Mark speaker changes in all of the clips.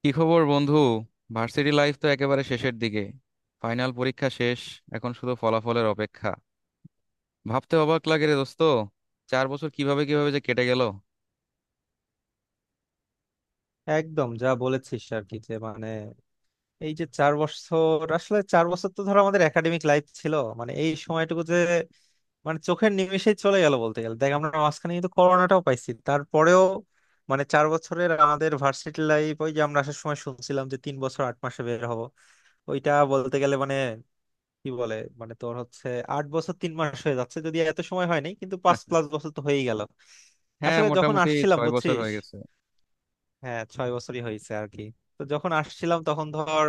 Speaker 1: কি খবর বন্ধু? ভার্সিটি লাইফ তো একেবারে শেষের দিকে। ফাইনাল পরীক্ষা শেষ। এখন শুধু ফলাফলের অপেক্ষা। ভাবতে অবাক লাগে রে দোস্ত, 4 বছর কিভাবে কিভাবে যে কেটে গেল।
Speaker 2: একদম যা বলেছিস আর কি যে মানে এই যে চার বছর, আসলে চার বছর তো ধরো আমাদের একাডেমিক লাইফ ছিল। মানে এই সময়টুকু যে মানে চোখের নিমেষেই চলে গেল বলতে গেলে। দেখ আমরা মাঝখানে কিন্তু করোনাটাও পাইছি, তারপরেও মানে চার বছরের আমাদের ভার্সিটি লাইফ। ওই যে আমরা আসার সময় শুনছিলাম যে 3 বছর 8 মাসে বের হব, ওইটা বলতে গেলে মানে কি বলে, মানে তোর হচ্ছে 8 বছর 3 মাস হয়ে যাচ্ছে, যদি এত সময় হয়নি কিন্তু পাঁচ প্লাস বছর তো হয়েই গেল।
Speaker 1: হ্যাঁ,
Speaker 2: আসলে যখন
Speaker 1: মোটামুটি
Speaker 2: আসছিলাম
Speaker 1: 6 বছর
Speaker 2: বুঝছিস,
Speaker 1: হয়ে গেছে।
Speaker 2: হ্যাঁ ছয় বছরই হয়েছে আর কি। তো যখন আসছিলাম তখন ধর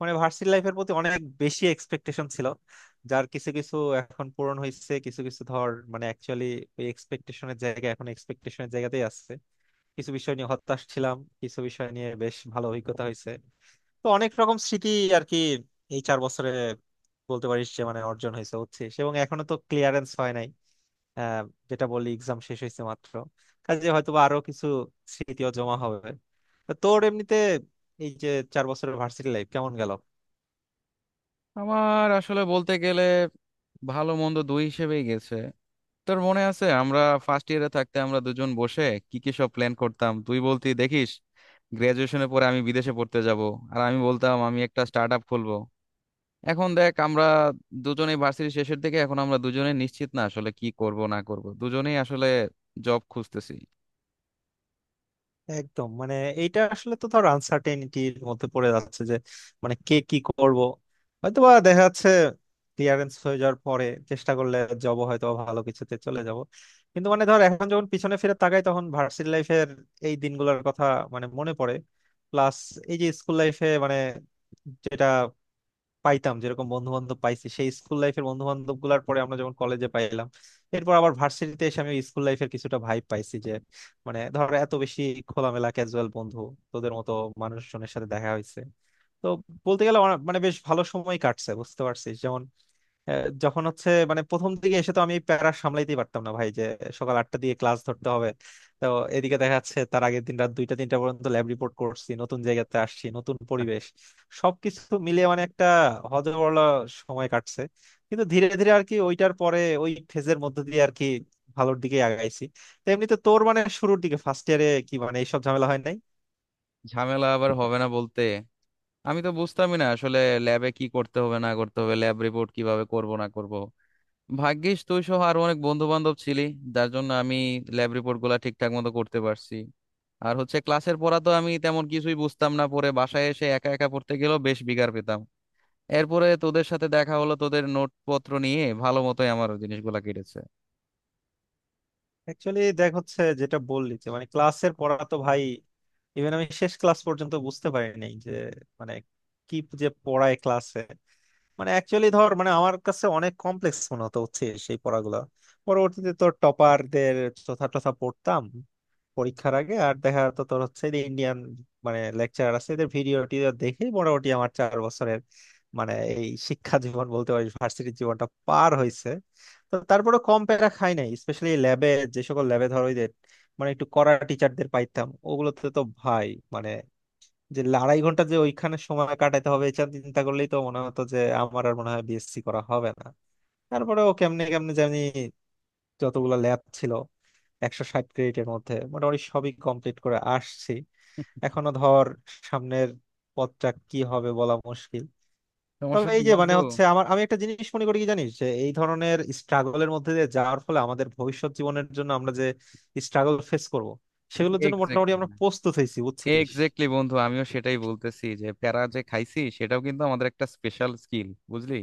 Speaker 2: মানে ভার্সিটি লাইফের প্রতি অনেক বেশি এক্সপেকটেশন ছিল, যার কিছু কিছু এখন পূরণ হয়েছে, কিছু কিছু ধর মানে অ্যাকচুয়ালি ওই এক্সপেকটেশনের জায়গা এখন এক্সপেকটেশনের জায়গাতেই আছে। কিছু বিষয় নিয়ে হতাশ ছিলাম, কিছু বিষয় নিয়ে বেশ ভালো অভিজ্ঞতা হয়েছে। তো অনেক রকম স্মৃতি আর কি এই চার বছরে, বলতে পারিস যে মানে অর্জন হয়েছে হচ্ছে, এবং এখনো তো ক্লিয়ারেন্স হয় নাই। আহ, যেটা বললি এক্সাম শেষ হয়েছে মাত্র, কাজে হয়তো বা আরো কিছু স্মৃতিও জমা হবে। তা তোর এমনিতে এই যে চার বছরের ভার্সিটি লাইফ কেমন গেল?
Speaker 1: আমার আসলে বলতে গেলে ভালো মন্দ দুই হিসেবেই গেছে। তোর মনে আছে, আমরা ফার্স্ট ইয়ারে থাকতে আমরা দুজন বসে কি কি সব প্ল্যান করতাম। তুই বলতি, দেখিস গ্রাজুয়েশনের পরে আমি বিদেশে পড়তে যাব, আর আমি বলতাম আমি একটা স্টার্ট আপ খুলবো। এখন দেখ আমরা দুজনেই ভার্সিটি শেষের দিকে, এখন আমরা দুজনেই নিশ্চিত না আসলে কি করব না করব, দুজনেই আসলে জব খুঁজতেছি।
Speaker 2: একদম মানে এইটা আসলে তো ধর আনসার্টেনিটির মধ্যে পড়ে যাচ্ছে যে মানে কে কি করব। হয়তোবা দেখা যাচ্ছে ক্লিয়ারেন্স হয়ে যাওয়ার পরে চেষ্টা করলে জব হয়তো ভালো কিছুতে চলে যাব, কিন্তু মানে ধর এখন যখন পিছনে ফিরে তাকাই তখন ভার্সিটি লাইফের এই দিনগুলোর কথা মানে মনে পড়ে। প্লাস এই যে স্কুল লাইফে মানে যেটা পাইতাম, যেরকম বন্ধু বান্ধব পাইছি সেই স্কুল লাইফের বন্ধু বান্ধব গুলার পরে আমরা যখন কলেজে পাইলাম, এরপর আবার ভার্সিটিতে এসে আমি স্কুল লাইফের কিছুটা ভাইব পাইছি। যে মানে ধরো এত বেশি খোলামেলা ক্যাজুয়াল বন্ধু, তোদের মতো মানুষজনের সাথে দেখা হয়েছে। তো বলতে গেলে মানে বেশ ভালো সময় কাটছে, বুঝতে পারছিস। যখন হচ্ছে মানে প্রথম দিকে এসে তো আমি প্যারা সামলাইতেই পারতাম না ভাই। যে সকাল 8টা দিয়ে ক্লাস ধরতে হবে, তো এদিকে দেখা যাচ্ছে তার আগের দিন রাত 2টা 3টা পর্যন্ত ল্যাব রিপোর্ট করছি, নতুন জায়গাতে আসছি, নতুন পরিবেশ, সবকিছু মিলিয়ে মানে একটা হজবলা সময় কাটছে। কিন্তু ধীরে ধীরে আর কি ওইটার পরে ওই ফেজের মধ্যে দিয়ে আর কি ভালোর দিকে আগাইছি। তো এমনিতে তোর মানে শুরুর দিকে ফার্স্ট ইয়ারে কি মানে এইসব ঝামেলা হয় নাই?
Speaker 1: ঝামেলা আবার হবে না বলতে! আমি তো বুঝতামই না আসলে ল্যাবে কি করতে হবে না করতে হবে, ল্যাব রিপোর্ট কিভাবে করব না করব। ভাগ্যিস তুই সহ আরো অনেক বন্ধু বান্ধব ছিলি, যার জন্য আমি ল্যাব রিপোর্ট গুলা ঠিকঠাক মতো করতে পারছি। আর হচ্ছে ক্লাসের পড়া তো আমি তেমন কিছুই বুঝতাম না, পরে বাসায় এসে একা একা পড়তে গেলেও বেশ বিগার পেতাম। এরপরে তোদের সাথে দেখা হলো, তোদের নোটপত্র নিয়ে ভালো মতোই আমার জিনিসগুলা কেটেছে।
Speaker 2: অ্যাকচুয়ালি দেখ হচ্ছে যেটা বললি যে মানে ক্লাসের পড়া তো ভাই, ইভেন আমি শেষ ক্লাস পর্যন্ত বুঝতে পারিনি যে মানে কি যে পড়ায় ক্লাসে। মানে অ্যাকচুয়ালি ধর মানে আমার কাছে অনেক কমপ্লেক্স মনে হতো হচ্ছে সেই পড়াগুলো। পরবর্তীতে তোর টপারদের চথা টথা পড়তাম পরীক্ষার আগে, আর দেখা যেত তোর হচ্ছে যে ইন্ডিয়ান মানে লেকচারার আছে এদের ভিডিও টিডিও দেখেই মোটামুটি আমার চার বছরের মানে এই শিক্ষা জীবন বলতে পারি ভার্সিটির জীবনটা পার হয়েছে। তো তারপরে কম প্যারা খাই নাই, স্পেশালি ল্যাবে। যে সকল ল্যাবে ধরো ওই যে মানে একটু কড়া টিচারদের পাইতাম ওগুলোতে তো ভাই মানে যে আড়াই ঘন্টা যে ওইখানে সময় কাটাতে হবে এটা চিন্তা করলেই তো মনে হতো যে আমার আর মনে হয় বিএসসি করা হবে না। তারপরেও কেমনে কেমনে জানি যতগুলো ল্যাব ছিল, 160 ক্রেডিটের মধ্যে মোটামুটি সবই কমপ্লিট করে আসছি। এখনো ধর সামনের পথটা কি হবে বলা মুশকিল।
Speaker 1: সমস্যা
Speaker 2: তবে এই
Speaker 1: নেই
Speaker 2: যে
Speaker 1: বন্ধু।
Speaker 2: মানে হচ্ছে আমার, আমি একটা জিনিস মনে করি কি জানিস, যে এই ধরনের স্ট্রাগলের মধ্যে দিয়ে যাওয়ার ফলে আমাদের ভবিষ্যৎ জীবনের জন্য আমরা যে স্ট্রাগল ফেস করব সেগুলোর জন্য মোটামুটি
Speaker 1: এক্স্যাক্টলি,
Speaker 2: আমরা প্রস্তুত হয়েছি, বুঝছিস।
Speaker 1: এক্স্যাক্টলি বন্ধু, আমিও সেটাই বলতেছি যে প্যারা যে খাইছি সেটাও কিন্তু আমাদের একটা স্পেশাল স্কিল বুঝলি।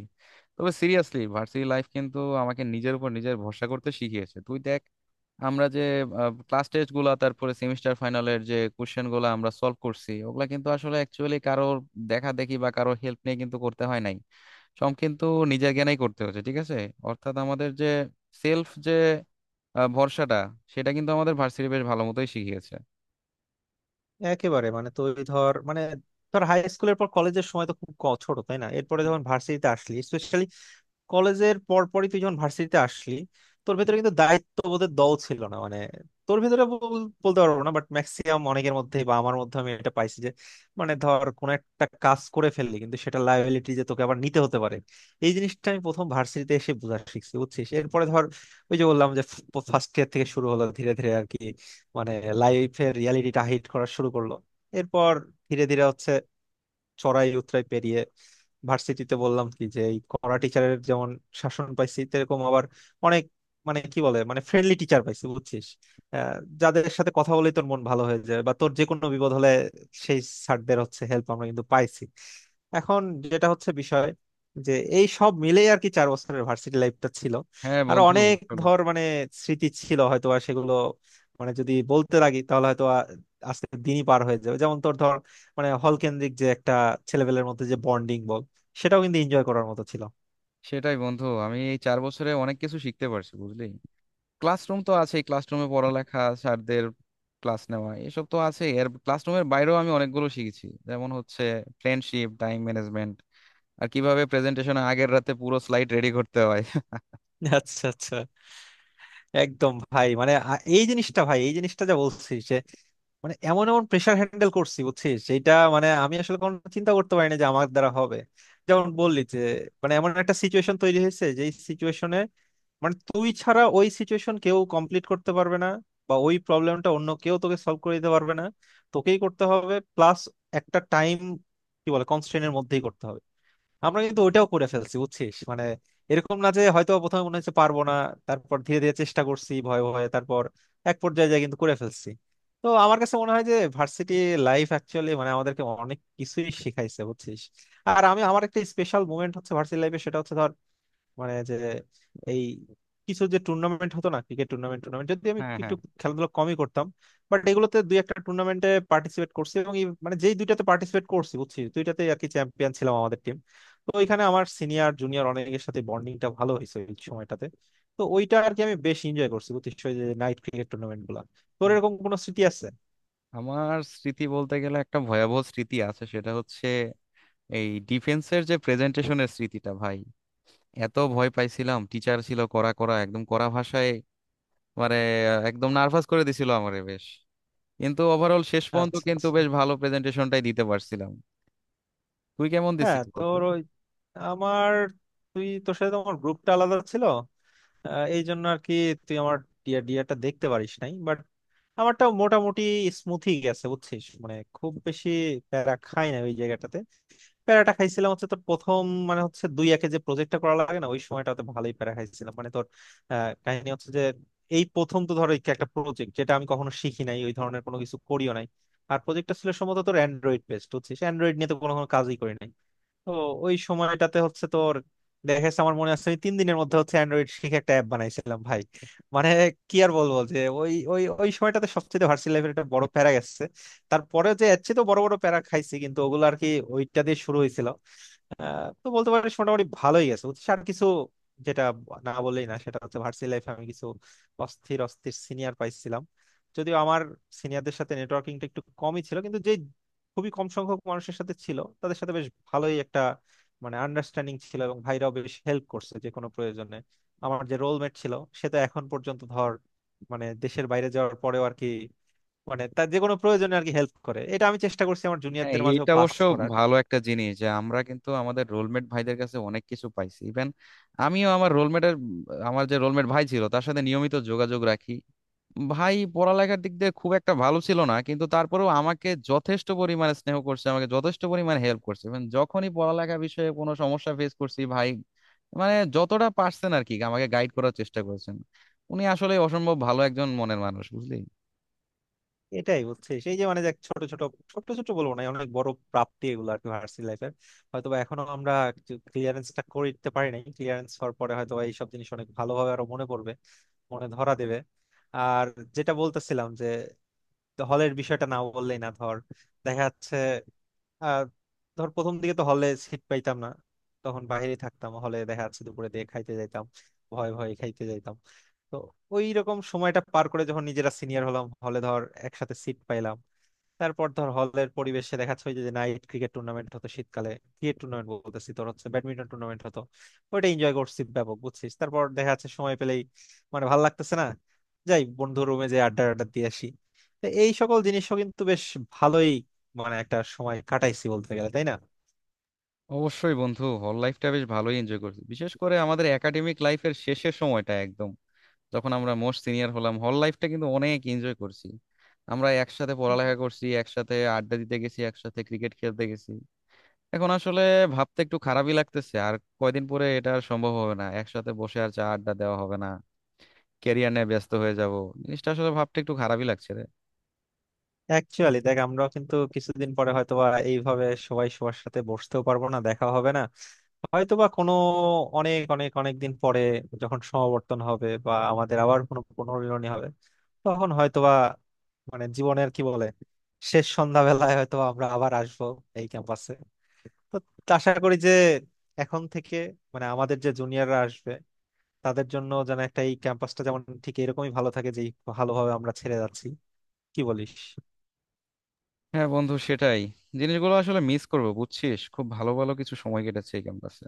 Speaker 1: তবে সিরিয়াসলি ভার্সিটি লাইফ কিন্তু আমাকে নিজের উপর নিজের ভরসা করতে শিখিয়েছে। তুই দেখ, আমরা যে ক্লাস টেস্ট গুলা, তারপরে সেমিস্টার ফাইনালের যে কোশ্চেন গুলা আমরা সলভ করছি, ওগুলা কিন্তু আসলে অ্যাকচুয়ালি কারোর দেখা দেখি বা কারোর হেল্প নিয়ে কিন্তু করতে হয় নাই। সব কিন্তু নিজের জ্ঞানেই করতে হচ্ছে, ঠিক আছে? অর্থাৎ আমাদের যে সেলফ যে ভরসাটা, সেটা কিন্তু আমাদের ভার্সিটি বেশ ভালো মতোই শিখিয়েছে।
Speaker 2: একেবারে মানে তুই ধর মানে ধর হাই স্কুলের পর কলেজের সময় তো খুব ছোট, তাই না? এরপরে যখন ভার্সিটিতে আসলি, কলেজের পরপরই তুই যখন ভার্সিটিতে আসলি, তোর ভেতরে কিন্তু দায়িত্ববোধের দল ছিল না। মানে তোর ভেতরে বলতে পারবো না, বাট ম্যাক্সিমাম অনেকের মধ্যে বা আমার মধ্যে আমি এটা পাইছি যে মানে ধর কোনো একটা কাজ করে ফেললি কিন্তু সেটা লাইবিলিটি যে তোকে আবার নিতে হতে পারে, এই জিনিসটা আমি প্রথম ভার্সিটিতে এসে বোঝা শিখছি, বুঝছিস। এরপরে ধর ওই যে বললাম যে ফার্স্ট ইয়ার থেকে শুরু হলো ধীরে ধীরে আর কি মানে লাইফের রিয়ালিটিটা হিট করা শুরু করলো। এরপর ধীরে ধীরে হচ্ছে চড়াই উতরাই পেরিয়ে ভার্সিটিতে বললাম কি যে এই কড়া টিচারের যেমন শাসন পাইছি, এরকম আবার অনেক মানে কি বলে মানে ফ্রেন্ডলি টিচার পাইছি, বুঝছিস। আহ, যাদের সাথে কথা বলেই তোর মন ভালো হয়ে যায়, বা তোর যে কোনো বিপদ হলে সেই স্যারদের হচ্ছে হেল্প আমরা কিন্তু পাইছি। এখন যেটা হচ্ছে বিষয় যে এই সব মিলেই আর কি চার বছরের ভার্সিটি লাইফটা ছিল।
Speaker 1: হ্যাঁ
Speaker 2: আর
Speaker 1: বন্ধু
Speaker 2: অনেক
Speaker 1: আসলে
Speaker 2: ধর মানে স্মৃতি ছিল হয়তো, আর সেগুলো মানে যদি বলতে লাগি তাহলে হয়তো আজকের দিনই পার হয়ে যাবে। যেমন তোর ধর মানে হল কেন্দ্রিক যে একটা ছেলেবেলের মধ্যে যে বন্ডিং বল, সেটাও কিন্তু এনজয় করার মতো ছিল।
Speaker 1: সেটাই। বন্ধু আমি এই 4 বছরে অনেক কিছু শিখতে পারছি বুঝলি। ক্লাসরুম তো আছেই, ক্লাসরুমে পড়ালেখা, স্যারদের ক্লাস নেওয়া, এসব তো আছে। এর ক্লাসরুমের বাইরেও আমি অনেকগুলো শিখেছি, যেমন হচ্ছে ফ্রেন্ডশিপ, টাইম ম্যানেজমেন্ট, আর কিভাবে প্রেজেন্টেশনের আগের রাতে পুরো স্লাইড রেডি করতে হয়।
Speaker 2: আচ্ছা, আচ্ছা। একদম ভাই মানে এই জিনিসটা ভাই, এই জিনিসটা যা বলছিস, মানে এমন এমন প্রেসার হ্যান্ডেল করছি বুঝছিস, সেটা মানে আমি আসলে কোনো চিন্তা করতে পারিনি যে আমার দ্বারা হবে। যেমন বললি যে মানে এমন একটা সিচুয়েশন তৈরি হয়েছে যে সিচুয়েশনে মানে তুই ছাড়া ওই সিচুয়েশন কেউ কমপ্লিট করতে পারবে না, বা ওই প্রবলেমটা অন্য কেউ তোকে সলভ করে দিতে পারবে না, তোকেই করতে হবে। প্লাস একটা টাইম কি বলে কনস্ট্রেনের মধ্যেই করতে হবে, আমরা কিন্তু ওইটাও করে ফেলছি, বুঝছিস। মানে এরকম না যে হয়তো প্রথমে মনে হচ্ছে পারবো না, তারপর ধীরে ধীরে চেষ্টা করছি ভয়ে ভয়ে, তারপর এক পর্যায়ে যায় কিন্তু করে ফেলছি। তো আমার কাছে মনে হয় যে ভার্সিটি লাইফ অ্যাকচুয়ালি মানে আমাদেরকে অনেক কিছুই শিখাইছে, বুঝছিস। আর আমি, আমার একটা স্পেশাল মুমেন্ট হচ্ছে ভার্সিটি লাইফে সেটা হচ্ছে ধর মানে যে এই কিছু যে টুর্নামেন্ট হতো না, ক্রিকেট টুর্নামেন্ট, যদি আমি
Speaker 1: হ্যাঁ, হ্যাঁ,
Speaker 2: একটু, খেলাধুলা কমই করতাম বাট এগুলোতে দুই একটা টুর্নামেন্টে পার্টিসিপেট করছি, এবং মানে যেই দুইটাতে পার্টিসিপেট করছি বুঝছি দুইটাতে আর কি চ্যাম্পিয়ন ছিলাম আমাদের টিম। তো ওইখানে আমার সিনিয়র জুনিয়র অনেকের সাথে বন্ডিংটা ভালো হয়েছে ওই সময়টাতে। তো ওইটা আর কি আমি বেশ এনজয় করছি, বুঝছিস, ওই যে নাইট ক্রিকেট টুর্নামেন্ট গুলা। তোর এরকম কোনো স্মৃতি আছে?
Speaker 1: আমার স্মৃতি বলতে গেলে একটা ভয়াবহ স্মৃতি আছে, সেটা হচ্ছে এই ডিফেন্সের যে প্রেজেন্টেশনের স্মৃতিটা ভাই। এত ভয় পাইছিলাম! টিচার ছিল কড়া, কড়া একদম, কড়া ভাষায় মানে একদম নার্ভাস করে দিছিল আমারে বেশ। কিন্তু ওভারঅল শেষ পর্যন্ত
Speaker 2: আচ্ছা,
Speaker 1: কিন্তু
Speaker 2: আচ্ছা।
Speaker 1: বেশ ভালো প্রেজেন্টেশনটাই দিতে পারছিলাম। তুই কেমন
Speaker 2: হ্যাঁ
Speaker 1: দিছিস বলতো?
Speaker 2: তোর ওই, আমার, তুই তোর সাথে তো আমার গ্রুপটা আলাদা ছিল, এই জন্য আর কি তুই আমার ডিয়াটা দেখতে পারিস নাই বাট আমারটাও মোটামুটি স্মুথি গেছে, বুঝছিস, মানে খুব বেশি প্যারা খাই না ওই জায়গাটাতে। প্যারাটা খাইছিলাম হচ্ছে তোর প্রথম মানে হচ্ছে দুই একে যে প্রজেক্টটা করা লাগে না, ওই সময়টাতে ভালোই প্যারা খাইছিলাম মানে তোর। কাহিনী হচ্ছে যে এই প্রথম তো ধর এই একটা প্রজেক্ট যেটা আমি কখনো শিখি নাই, ওই ধরনের কোনো কিছু করিও নাই। আর প্রজেক্টটা ছিল সম্ভবত তোর অ্যান্ড্রয়েড বেসড, বুঝছিস, অ্যান্ড্রয়েড নিয়ে তো কোনো কোনো কাজই করি নাই। তো ওই সময়টাতে হচ্ছে তোর দেখা যাচ্ছে আমার মনে আছে আমি 3 দিনের মধ্যে হচ্ছে অ্যান্ড্রয়েড শিখে একটা অ্যাপ বানাইছিলাম ভাই। মানে কি আর বলবো যে ওই ওই ওই সময়টাতে সবচেয়ে ভার্সিটি লাইফের একটা বড় প্যারা গেছে। তারপরে যে এর চেয়ে তো বড় বড় প্যারা খাইছি কিন্তু ওগুলো আর কি, ওইটা দিয়ে শুরু হয়েছিল। তো বলতে পারিস মোটামুটি ভালোই গেছে, বুঝছিস। আর কিছু যেটা না বললেই না সেটা হচ্ছে ভার্সিটি লাইফে আমি কিছু অস্থির অস্থির সিনিয়র পাইছিলাম। যদিও আমার সিনিয়রদের সাথে নেটওয়ার্কিংটা একটু কমই ছিল, কিন্তু যে খুবই কম সংখ্যক মানুষের সাথে ছিল তাদের সাথে বেশ ভালোই একটা মানে আন্ডারস্ট্যান্ডিং ছিল, এবং ভাইরাও বেশ হেল্প করছে যে কোনো প্রয়োজনে। আমার যে রোলমেট ছিল সে তো এখন পর্যন্ত ধর মানে দেশের বাইরে যাওয়ার পরেও আর কি মানে তার যে কোনো প্রয়োজনে আর কি হেল্প করে, এটা আমি চেষ্টা করছি আমার
Speaker 1: হ্যাঁ,
Speaker 2: জুনিয়রদের মাঝেও
Speaker 1: এইটা
Speaker 2: পাস
Speaker 1: অবশ্য
Speaker 2: করার।
Speaker 1: ভালো একটা জিনিস যে আমরা কিন্তু আমাদের রোলমেট ভাইদের কাছে অনেক কিছু পাইছি। ইভেন আমিও আমার রোলমেটের, আমার যে রোলমেট ভাই ছিল তার সাথে নিয়মিত যোগাযোগ রাখি। ভাই পড়ালেখার দিক দিয়ে খুব একটা ভালো ছিল না, কিন্তু তারপরেও আমাকে যথেষ্ট পরিমাণে স্নেহ করছে, আমাকে যথেষ্ট পরিমাণে হেল্প করছে। মানে যখনই পড়ালেখা বিষয়ে কোনো সমস্যা ফেস করছি ভাই মানে যতটা পারছেন আর কি আমাকে গাইড করার চেষ্টা করেছেন। উনি আসলে অসম্ভব ভালো একজন মনের মানুষ বুঝলি।
Speaker 2: এটাই হচ্ছে সেই যে মানে দেখ, ছোট ছোট বলবো না, অনেক বড় প্রাপ্তি এগুলো আর কি ভার্সিটি লাইফের। হয়তো বা এখনো আমরা ক্লিয়ারেন্সটা করে দিতে পারি নাই, ক্লিয়ারেন্স হওয়ার পরে হয়তো বা এইসব জিনিস অনেক ভালোভাবে আরো মনে পড়বে, মনে ধরা দেবে। আর যেটা বলতেছিলাম যে হলের বিষয়টা না বললেই না। ধর দেখা যাচ্ছে আহ ধর প্রথম দিকে তো হলে সিট পাইতাম না, তখন বাইরে থাকতাম, হলে দেখা যাচ্ছে দুপুরে দিয়ে খাইতে যাইতাম, ভয়ে ভয়ে খাইতে যাইতাম। তো ওই রকম সময়টা পার করে যখন নিজেরা সিনিয়র হলাম হলে, ধর একসাথে সিট পাইলাম। তারপর ধর হলের পরিবেশে দেখাচ্ছে ওই যে নাইট ক্রিকেট টুর্নামেন্ট হতো শীতকালে, ক্রিকেট টুর্নামেন্ট বলতেছি, তোর হচ্ছে ব্যাডমিন্টন টুর্নামেন্ট হতো, ওইটা এনজয় করছি ব্যাপক, বুঝছিস। তারপর দেখা যাচ্ছে সময় পেলেই মানে ভালো লাগতেছে না, যাই বন্ধু রুমে, যে আড্ডা আড্ডা দিয়ে আসি। তো এই সকল জিনিসও কিন্তু বেশ ভালোই মানে একটা সময় কাটাইছি বলতে গেলে, তাই না?
Speaker 1: অবশ্যই বন্ধু, হল লাইফটা বেশ ভালোই এনজয় করছি, বিশেষ করে আমাদের একাডেমিক লাইফের শেষের সময়টা একদম, যখন আমরা মোস্ট সিনিয়র হলাম হল লাইফটা কিন্তু অনেক এনজয় করছি। আমরা একসাথে পড়ালেখা করছি, একসাথে আড্ডা দিতে গেছি, একসাথে ক্রিকেট খেলতে গেছি। এখন আসলে ভাবতে একটু খারাপই লাগতেছে, আর কয়দিন পরে এটা আর সম্ভব হবে না, একসাথে বসে আর চা আড্ডা দেওয়া হবে না, ক্যারিয়ার নিয়ে ব্যস্ত হয়ে যাব। জিনিসটা আসলে ভাবতে একটু খারাপই লাগছে রে।
Speaker 2: অ্যাকচুয়ালি দেখ আমরাও কিন্তু কিছুদিন পরে হয়তোবা এইভাবে সবাই সবার সাথে বসতেও পারবো না, দেখা হবে না। হয়তোবা কোনো অনেক অনেক অনেক দিন পরে যখন সমাবর্তন হবে বা আমাদের আবার কোনো পুনর্মিলনী হবে, তখন হয়তোবা মানে জীবনের কি বলে শেষ সন্ধ্যাবেলায় হয়তো আমরা আবার আসবো এই ক্যাম্পাসে। তো আশা করি যে এখন থেকে মানে আমাদের যে জুনিয়ররা আসবে, তাদের জন্য যেন একটা এই ক্যাম্পাসটা যেমন ঠিক এরকমই ভালো থাকে, যেই ভালোভাবে আমরা ছেড়ে যাচ্ছি। কি বলিস?
Speaker 1: হ্যাঁ বন্ধু সেটাই, জিনিসগুলো আসলে মিস করবো বুঝছিস। খুব ভালো ভালো কিছু সময় কেটেছে এই ক্যাম্পাসে।